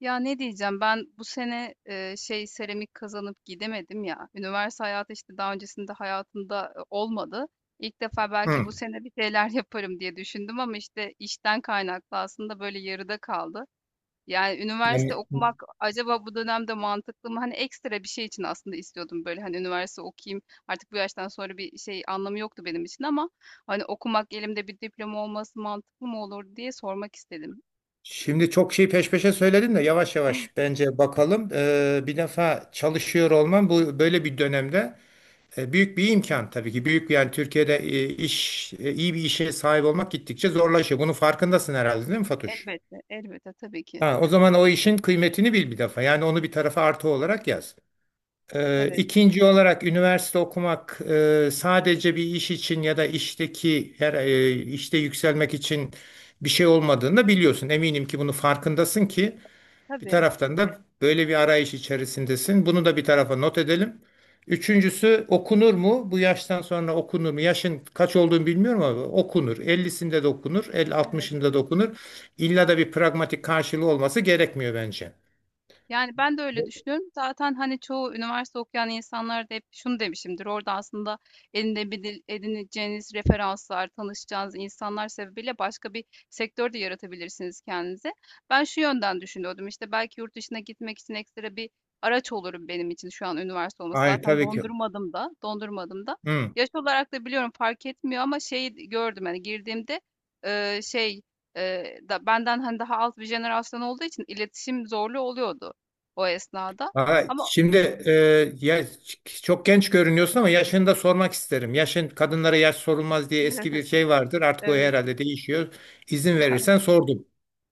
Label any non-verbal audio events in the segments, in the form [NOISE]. Ya ne diyeceğim ben bu sene şey seramik kazanıp gidemedim ya. Üniversite hayatı işte daha öncesinde hayatımda olmadı. İlk defa belki Hı. bu sene bir şeyler [LAUGHS] yaparım diye düşündüm ama işte işten kaynaklı aslında böyle yarıda kaldı. Yani üniversite Yani okumak acaba bu dönemde mantıklı mı? Hani ekstra bir şey için aslında istiyordum böyle hani üniversite okuyayım. Artık bu yaştan sonra bir şey anlamı yoktu benim için ama hani okumak elimde bir diploma olması mantıklı mı olur diye sormak istedim. şimdi çok şey peş peşe söyledin de yavaş yavaş bence bakalım. Bir defa çalışıyor olman, bu böyle bir dönemde büyük bir imkan tabii ki. Yani Türkiye'de iş iyi bir işe sahip olmak gittikçe zorlaşıyor. Bunun farkındasın herhalde, değil mi Fatuş? Elbette, elbette tabii ki. Ha, o zaman o işin kıymetini bil bir defa. Yani onu bir tarafa artı olarak yaz. Evet. İkinci olarak, üniversite okumak sadece bir iş için ya da işteki her işte yükselmek için bir şey olmadığını da biliyorsun. Eminim ki bunu farkındasın ki bir Tabii, taraftan da böyle bir arayış içerisindesin. Bunu da bir tarafa not edelim. Üçüncüsü, okunur mu? Bu yaştan sonra okunur mu? Yaşın kaç olduğunu bilmiyorum ama okunur. 50'sinde de okunur, 50 evet. 60'ında da okunur. İlla da bir pragmatik karşılığı olması gerekmiyor bence. Yani ben de öyle düşünüyorum. Zaten hani çoğu üniversite okuyan insanlar da hep şunu demişimdir. Orada aslında elinde edineceğiniz referanslar, tanışacağınız insanlar sebebiyle başka bir sektör de yaratabilirsiniz kendinize. Ben şu yönden düşünüyordum. İşte belki yurt dışına gitmek için ekstra bir araç olurum benim için şu an üniversite olması. Hayır, Zaten tabii ki. dondurmadım da, dondurmadım da. Hı. Yaş olarak da biliyorum fark etmiyor ama şeyi gördüm hani girdiğimde şey da benden hani daha alt bir jenerasyon olduğu için iletişim zorlu oluyordu o esnada Aha, ama şimdi e, ya, çok genç görünüyorsun ama yaşını da sormak isterim. Yaşın, kadınlara yaş sorulmaz diye eski bir [LAUGHS] şey vardır. Artık o evet, herhalde değişiyor. İzin yani. verirsen sordum.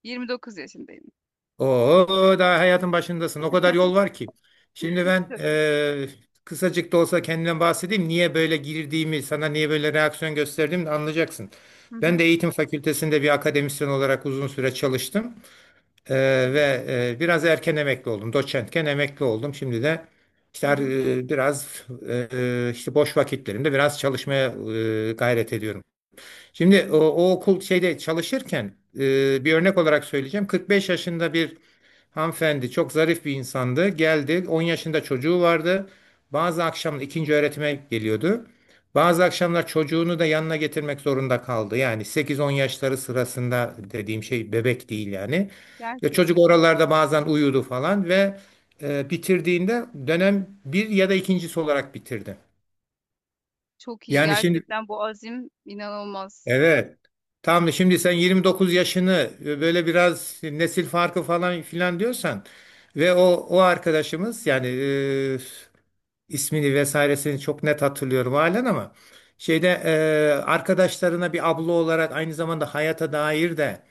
29 yaşındayım. Oo, daha hayatın başındasın. O kadar yol var ki. Şimdi ben Tabii. Kısacık da olsa kendimden bahsedeyim. Niye böyle girdiğimi, sana niye böyle reaksiyon gösterdiğimi de anlayacaksın. Hı Ben hı. de eğitim fakültesinde bir akademisyen olarak uzun süre çalıştım. Ee, Evet. ve biraz erken emekli oldum. Doçentken emekli oldum. Şimdi de işte Hı hı. Biraz işte boş vakitlerimde biraz çalışmaya gayret ediyorum. Şimdi o okul şeyde çalışırken bir örnek olarak söyleyeceğim. 45 yaşında bir hanımefendi, çok zarif bir insandı. Geldi, 10 yaşında çocuğu vardı. Bazı akşam ikinci öğretime geliyordu. Bazı akşamlar çocuğunu da yanına getirmek zorunda kaldı. Yani 8-10 yaşları sırasında, dediğim şey bebek değil yani. Ya, Gerçek, çocuk evet. oralarda bazen uyudu falan ve bitirdiğinde dönem bir ya da ikincisi olarak bitirdi. Çok iyi. Yani şimdi. Gerçekten bu azim inanılmaz. Evet. Tam şimdi sen 29 yaşını böyle biraz nesil farkı falan filan diyorsan ve o arkadaşımız, yani ismini vesairesini çok net hatırlıyorum halen, ama şeyde arkadaşlarına bir abla olarak aynı zamanda hayata dair de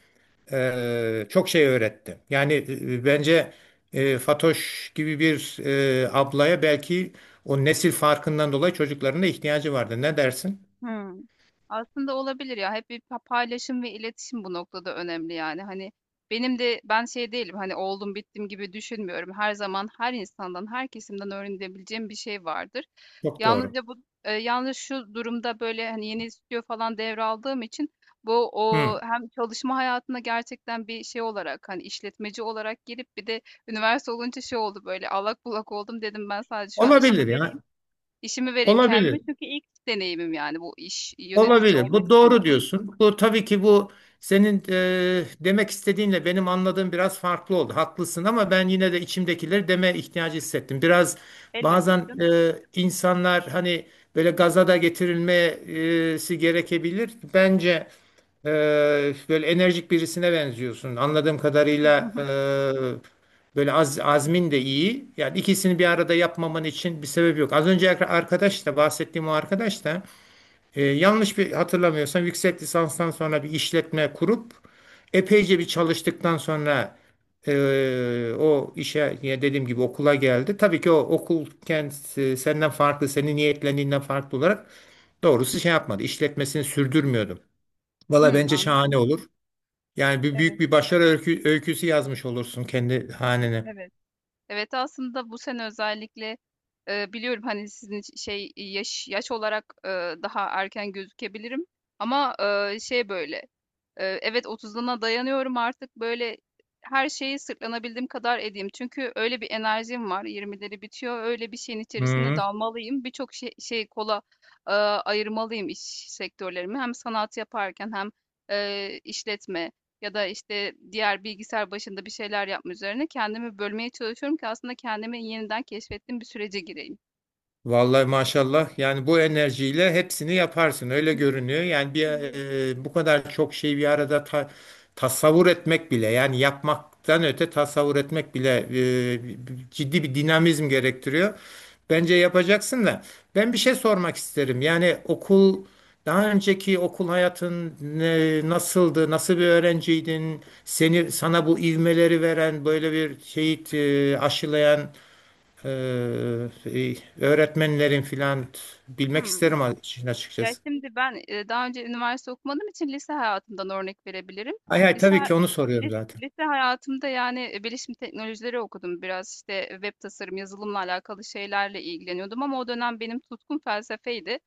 çok şey öğretti. Yani, bence Fatoş gibi bir ablaya, belki o nesil farkından dolayı çocuklarına ihtiyacı vardı. Ne dersin? Hımm. Aslında olabilir ya. Hep bir paylaşım ve iletişim bu noktada önemli yani. Hani, benim de şey değilim, hani, oldum bittim gibi düşünmüyorum. Her zaman her insandan, her kesimden öğrenebileceğim bir şey vardır. Çok doğru. Yalnızca bu yalnız şu durumda, böyle, hani, yeni stüdyo falan devraldığım için bu Hı. hem çalışma hayatına gerçekten bir şey olarak, hani, işletmeci olarak girip bir de üniversite olunca şey oldu, böyle, allak bullak oldum. Dedim ben sadece şu an işime Olabilir vereyim. ya. İşimi vereyim kendime Olabilir. çünkü ilk deneyimim yani bu iş yönetici Olabilir. olma Bu doğru kısmında. diyorsun. Bu tabii ki, bu senin demek istediğinle benim anladığım biraz farklı oldu. Haklısın, ama ben yine de içimdekileri deme ihtiyacı hissettim. Biraz Elbette bazen bizim. İnsanlar, hani, böyle gaza da getirilmesi gerekebilir. Bence e, böyle enerjik birisine benziyorsun. Anladığım kadarıyla [LAUGHS] böyle azmin de iyi. Yani ikisini bir arada yapmaman için bir sebep yok. Az önce arkadaş da bahsettiğim o arkadaş da yanlış bir hatırlamıyorsam yüksek lisanstan sonra bir işletme kurup epeyce bir çalıştıktan sonra o işe, ya dediğim gibi, okula geldi. Tabii ki o okul kendisi senden farklı, senin niyetlendiğinden farklı olarak doğrusu şey yapmadı. İşletmesini sürdürmüyordum. Valla Hımm, bence anladım. şahane olur. Yani Evet, büyük bir başarı öyküsü yazmış olursun kendi hanene. evet. Evet, aslında bu sene özellikle, biliyorum, hani, sizin için şey, yaş olarak, daha erken gözükebilirim ama, evet 30'una dayanıyorum artık böyle her şeyi sırtlanabildiğim kadar edeyim. Çünkü öyle bir enerjim var. Yirmileri bitiyor. Öyle bir şeyin içerisinde Hı. dalmalıyım. Birçok şey, şey kola ayırmalıyım iş sektörlerimi. Hem sanat yaparken hem işletme ya da işte diğer bilgisayar başında bir şeyler yapma üzerine kendimi bölmeye çalışıyorum ki aslında kendimi yeniden keşfettiğim bir sürece gireyim. Vallahi maşallah, yani bu enerjiyle hepsini yaparsın, öyle [LAUGHS] görünüyor. Yani Evet. Bu kadar çok şeyi bir arada tasavvur etmek bile, yani yapmaktan öte tasavvur etmek bile ciddi bir dinamizm gerektiriyor. Bence yapacaksın da, ben bir şey sormak isterim. Yani daha önceki okul hayatın nasıldı? Nasıl bir öğrenciydin? Sana bu ivmeleri veren, böyle bir şeyi aşılayan ee, e, öğretmenlerin filan, bilmek Hmm. isterim işin Ya açıkçası. şimdi ben daha önce üniversite okumadığım için lise hayatımdan örnek verebilirim. Hay hay, Lise, tabii ki onu soruyorum zaten. Lise hayatımda yani bilişim teknolojileri okudum. Biraz işte web tasarım, yazılımla alakalı şeylerle ilgileniyordum ama o dönem benim tutkum felsefeydi.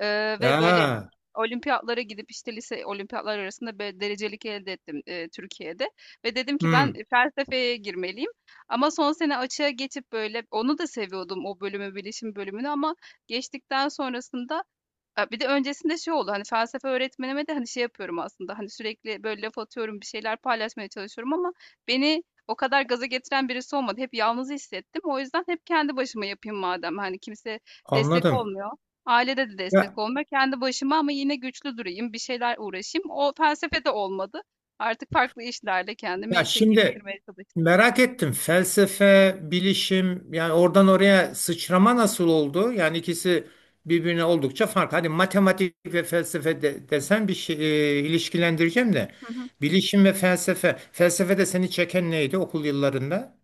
Ve böyle Aa, olimpiyatlara gidip işte lise olimpiyatlar arasında bir derecelik elde ettim Türkiye'de. Ve dedim ki ben hmm, felsefeye girmeliyim. Ama son sene açığa geçip böyle onu da seviyordum o bölümü, bilişim bölümünü ama geçtikten sonrasında bir de öncesinde şey oldu, hani, felsefe öğretmenime de, hani, şey yapıyorum aslında, hani, sürekli, böyle, laf atıyorum, bir şeyler paylaşmaya çalışıyorum ama beni o kadar gaza getiren birisi olmadı. Hep yalnız hissettim. O yüzden hep kendi başıma yapayım madem, hani, kimse destek anladım. olmuyor. Ailede de destek Ya, olmuyor. Kendi başıma ama yine güçlü durayım, bir şeyler uğraşayım. O felsefe de olmadı. Artık farklı işlerle kendimi, ya, işe şimdi geliştirmeye çalıştım. merak ettim. Felsefe, bilişim, yani oradan oraya sıçrama nasıl oldu? Yani ikisi birbirine oldukça farklı. Hadi matematik ve felsefe de, desen bir şey, ilişkilendireceğim de. [LAUGHS] Bilişim ve felsefe. Felsefede seni çeken neydi okul yıllarında?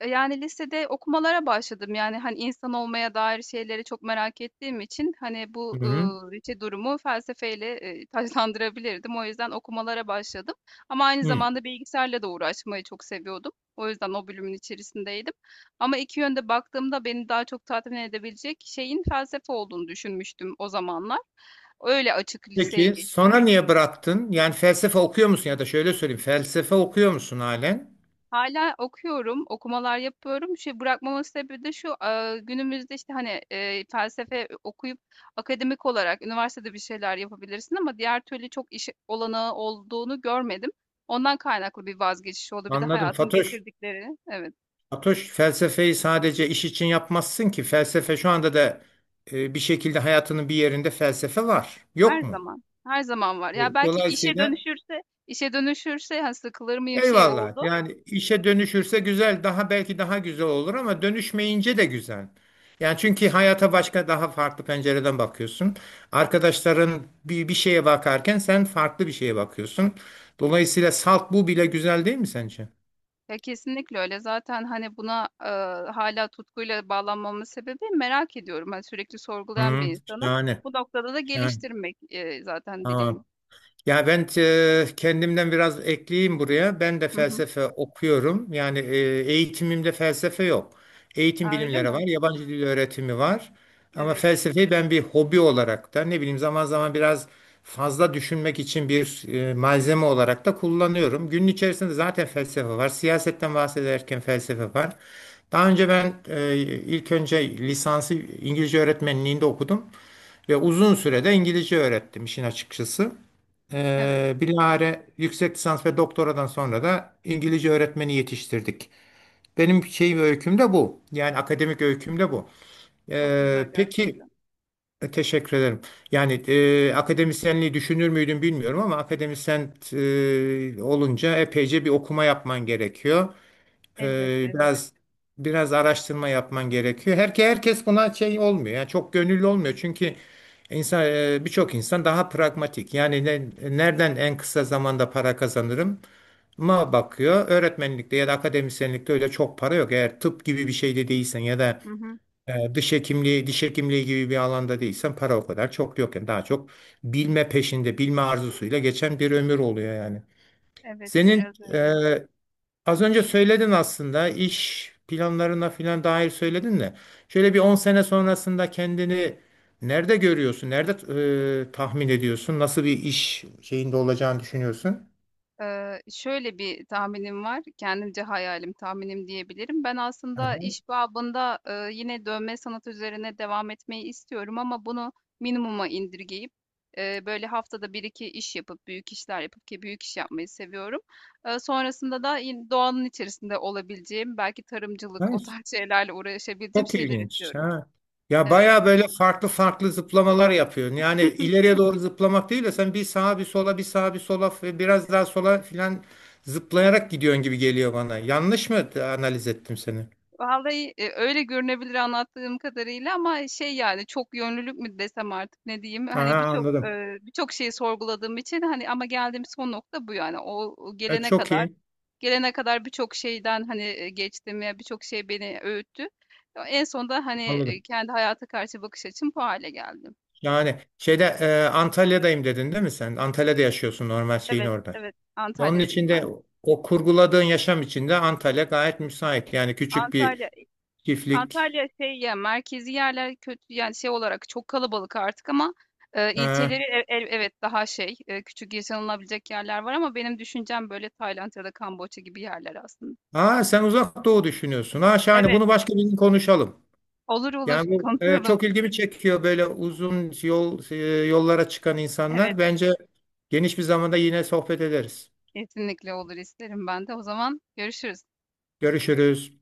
Yani lisede okumalara başladım. Yani, hani, insan olmaya dair şeyleri çok merak ettiğim için, hani, bu, Hı hı. İki durumu felsefeyle, taçlandırabilirdim. O yüzden okumalara başladım ama aynı Hı. zamanda bilgisayarla da uğraşmayı çok seviyordum. O yüzden o bölümün içerisindeydim ama iki yönde baktığımda beni daha çok tatmin edebilecek şeyin felsefe olduğunu düşünmüştüm o zamanlar. Öyle açık liseye Peki geçtim. sonra niye bıraktın? Yani felsefe okuyor musun, ya da şöyle söyleyeyim, felsefe okuyor musun halen? Hala okuyorum, okumalar yapıyorum. Şey, bırakmamın sebebi de şu, günümüzde, işte, hani, felsefe okuyup akademik olarak üniversitede bir şeyler yapabilirsin ama diğer türlü çok iş olanağı olduğunu görmedim. Ondan kaynaklı bir vazgeçiş oldu. Bir de Anladım, hayatın Fatoş. getirdikleri. Evet, Fatoş, felsefeyi sadece iş için yapmazsın ki, felsefe şu anda da bir şekilde hayatının bir yerinde felsefe var. Yok her mu? zaman, her zaman var. Ya, E, belki dolayısıyla işe dönüşürse, hani, sıkılır mıyım şey Eyvallah. oldu. Yani işe dönüşürse güzel, belki daha güzel olur, ama dönüşmeyince de güzel. Yani, çünkü hayata başka, daha farklı pencereden bakıyorsun. Arkadaşların bir şeye bakarken, sen farklı bir şeye bakıyorsun. Dolayısıyla salt bu bile güzel değil mi sence? Ya, kesinlikle öyle. Zaten, hani, buna, hâlâ tutkuyla bağlanmamın sebebi merak ediyorum. Hani, sürekli sorgulayan bir Hı, insanım. şahane. Bu noktada da Yani, geliştirmek, zaten dileğim. ya ben kendimden biraz ekleyeyim buraya. Ben de Hı hı. felsefe okuyorum. Yani eğitimimde felsefe yok. Eğitim A, öyle bilimleri var, mi? yabancı dil öğretimi var. Ama Evet, felsefeyi ben bir hobi olarak da, ne bileyim, zaman zaman biraz fazla düşünmek için bir malzeme olarak da kullanıyorum. Günün içerisinde zaten felsefe var. Siyasetten bahsederken felsefe var. Daha önce ilk önce lisansı İngilizce öğretmenliğinde okudum ve uzun sürede İngilizce öğrettim işin açıkçası. evet. Bilahare yüksek lisans ve doktoradan sonra da İngilizce öğretmeni yetiştirdik. Benim öyküm de bu. Yani akademik öyküm de bu. Çok Ee, güzel peki gerçekten. Teşekkür ederim. Yani akademisyenliği düşünür müydüm bilmiyorum, ama akademisyen olunca epeyce bir okuma yapman gerekiyor. Elbette, Ee, evet. biraz biraz araştırma yapman gerekiyor. Herkes buna şey olmuyor. Yani çok gönüllü olmuyor. Çünkü birçok insan daha pragmatik. Yani nereden en kısa zamanda para kazanırım ma bakıyor. Öğretmenlikte ya da akademisyenlikte öyle çok para yok. Eğer tıp gibi bir şeyde değilsen, ya da Hı hı. Diş hekimliği, gibi bir alanda değilsen para o kadar çok yok. Yani daha çok bilme peşinde, bilme arzusuyla geçen bir ömür oluyor yani. Evet, Senin biraz e, öyle. Az önce söyledin aslında, iş planlarına filan dair söyledin de, şöyle bir 10 sene sonrasında kendini nerede görüyorsun? Nerede tahmin ediyorsun? Nasıl bir iş şeyinde olacağını düşünüyorsun? Şöyle bir tahminim var, kendimce hayalim, tahminim diyebilirim. Ben aslında Hı. iş babında, yine dövme sanatı üzerine devam etmeyi istiyorum ama bunu minimuma indirgeyip, böyle haftada bir iki iş yapıp, büyük işler yapıp ki büyük iş yapmayı seviyorum. Sonrasında da yine doğanın içerisinde olabileceğim, belki tarımcılık, o Nice. tarz [LAUGHS] şeylerle uğraşabileceğim Çok şeyler ilginç. istiyorum. Ha. Ya Evet. baya böyle farklı farklı zıplamalar yapıyorsun. Yani [LAUGHS] ileriye doğru zıplamak değil de, sen bir sağa bir sola, bir sağa bir sola ve biraz daha sola filan zıplayarak gidiyorsun gibi geliyor bana. Yanlış mı analiz ettim seni? Vallahi öyle görünebilir anlattığım kadarıyla ama şey yani çok yönlülük mü desem artık ne diyeyim Aha, hani birçok anladım. birçok şeyi sorguladığım için hani ama geldiğim son nokta bu yani o o E, gelene çok kadar iyi. gelene kadar birçok şeyden hani geçtim ya birçok şey beni öğüttü. En sonunda hani Anladım. kendi hayata karşı bakış açım bu hale geldim. Yani şeyde Antalya'dayım dedin, değil mi sen? Antalya'da yaşıyorsun, normal şeyin Evet, orada. evet Ve Onun Antalya'dayım içinde aynen. o kurguladığın yaşam içinde Antalya gayet müsait. Yani küçük Antalya bir çiftlik. Antalya şey ya merkezi yerler kötü yani şey olarak çok kalabalık artık ama E, ilçeleri evet daha şey küçük yaşanılabilecek yerler var ama benim düşüncem böyle Tayland ya da Kamboçya gibi yerler aslında. aa, sen uzak doğu düşünüyorsun. Ha, şahane, Evet, bunu başka bir gün konuşalım. olur olur Yani [LAUGHS] bu konuşalım. çok ilgimi çekiyor, böyle uzun yollara çıkan Evet, insanlar. Bence geniş bir zamanda yine sohbet ederiz. kesinlikle olur isterim ben de. O zaman görüşürüz. Görüşürüz.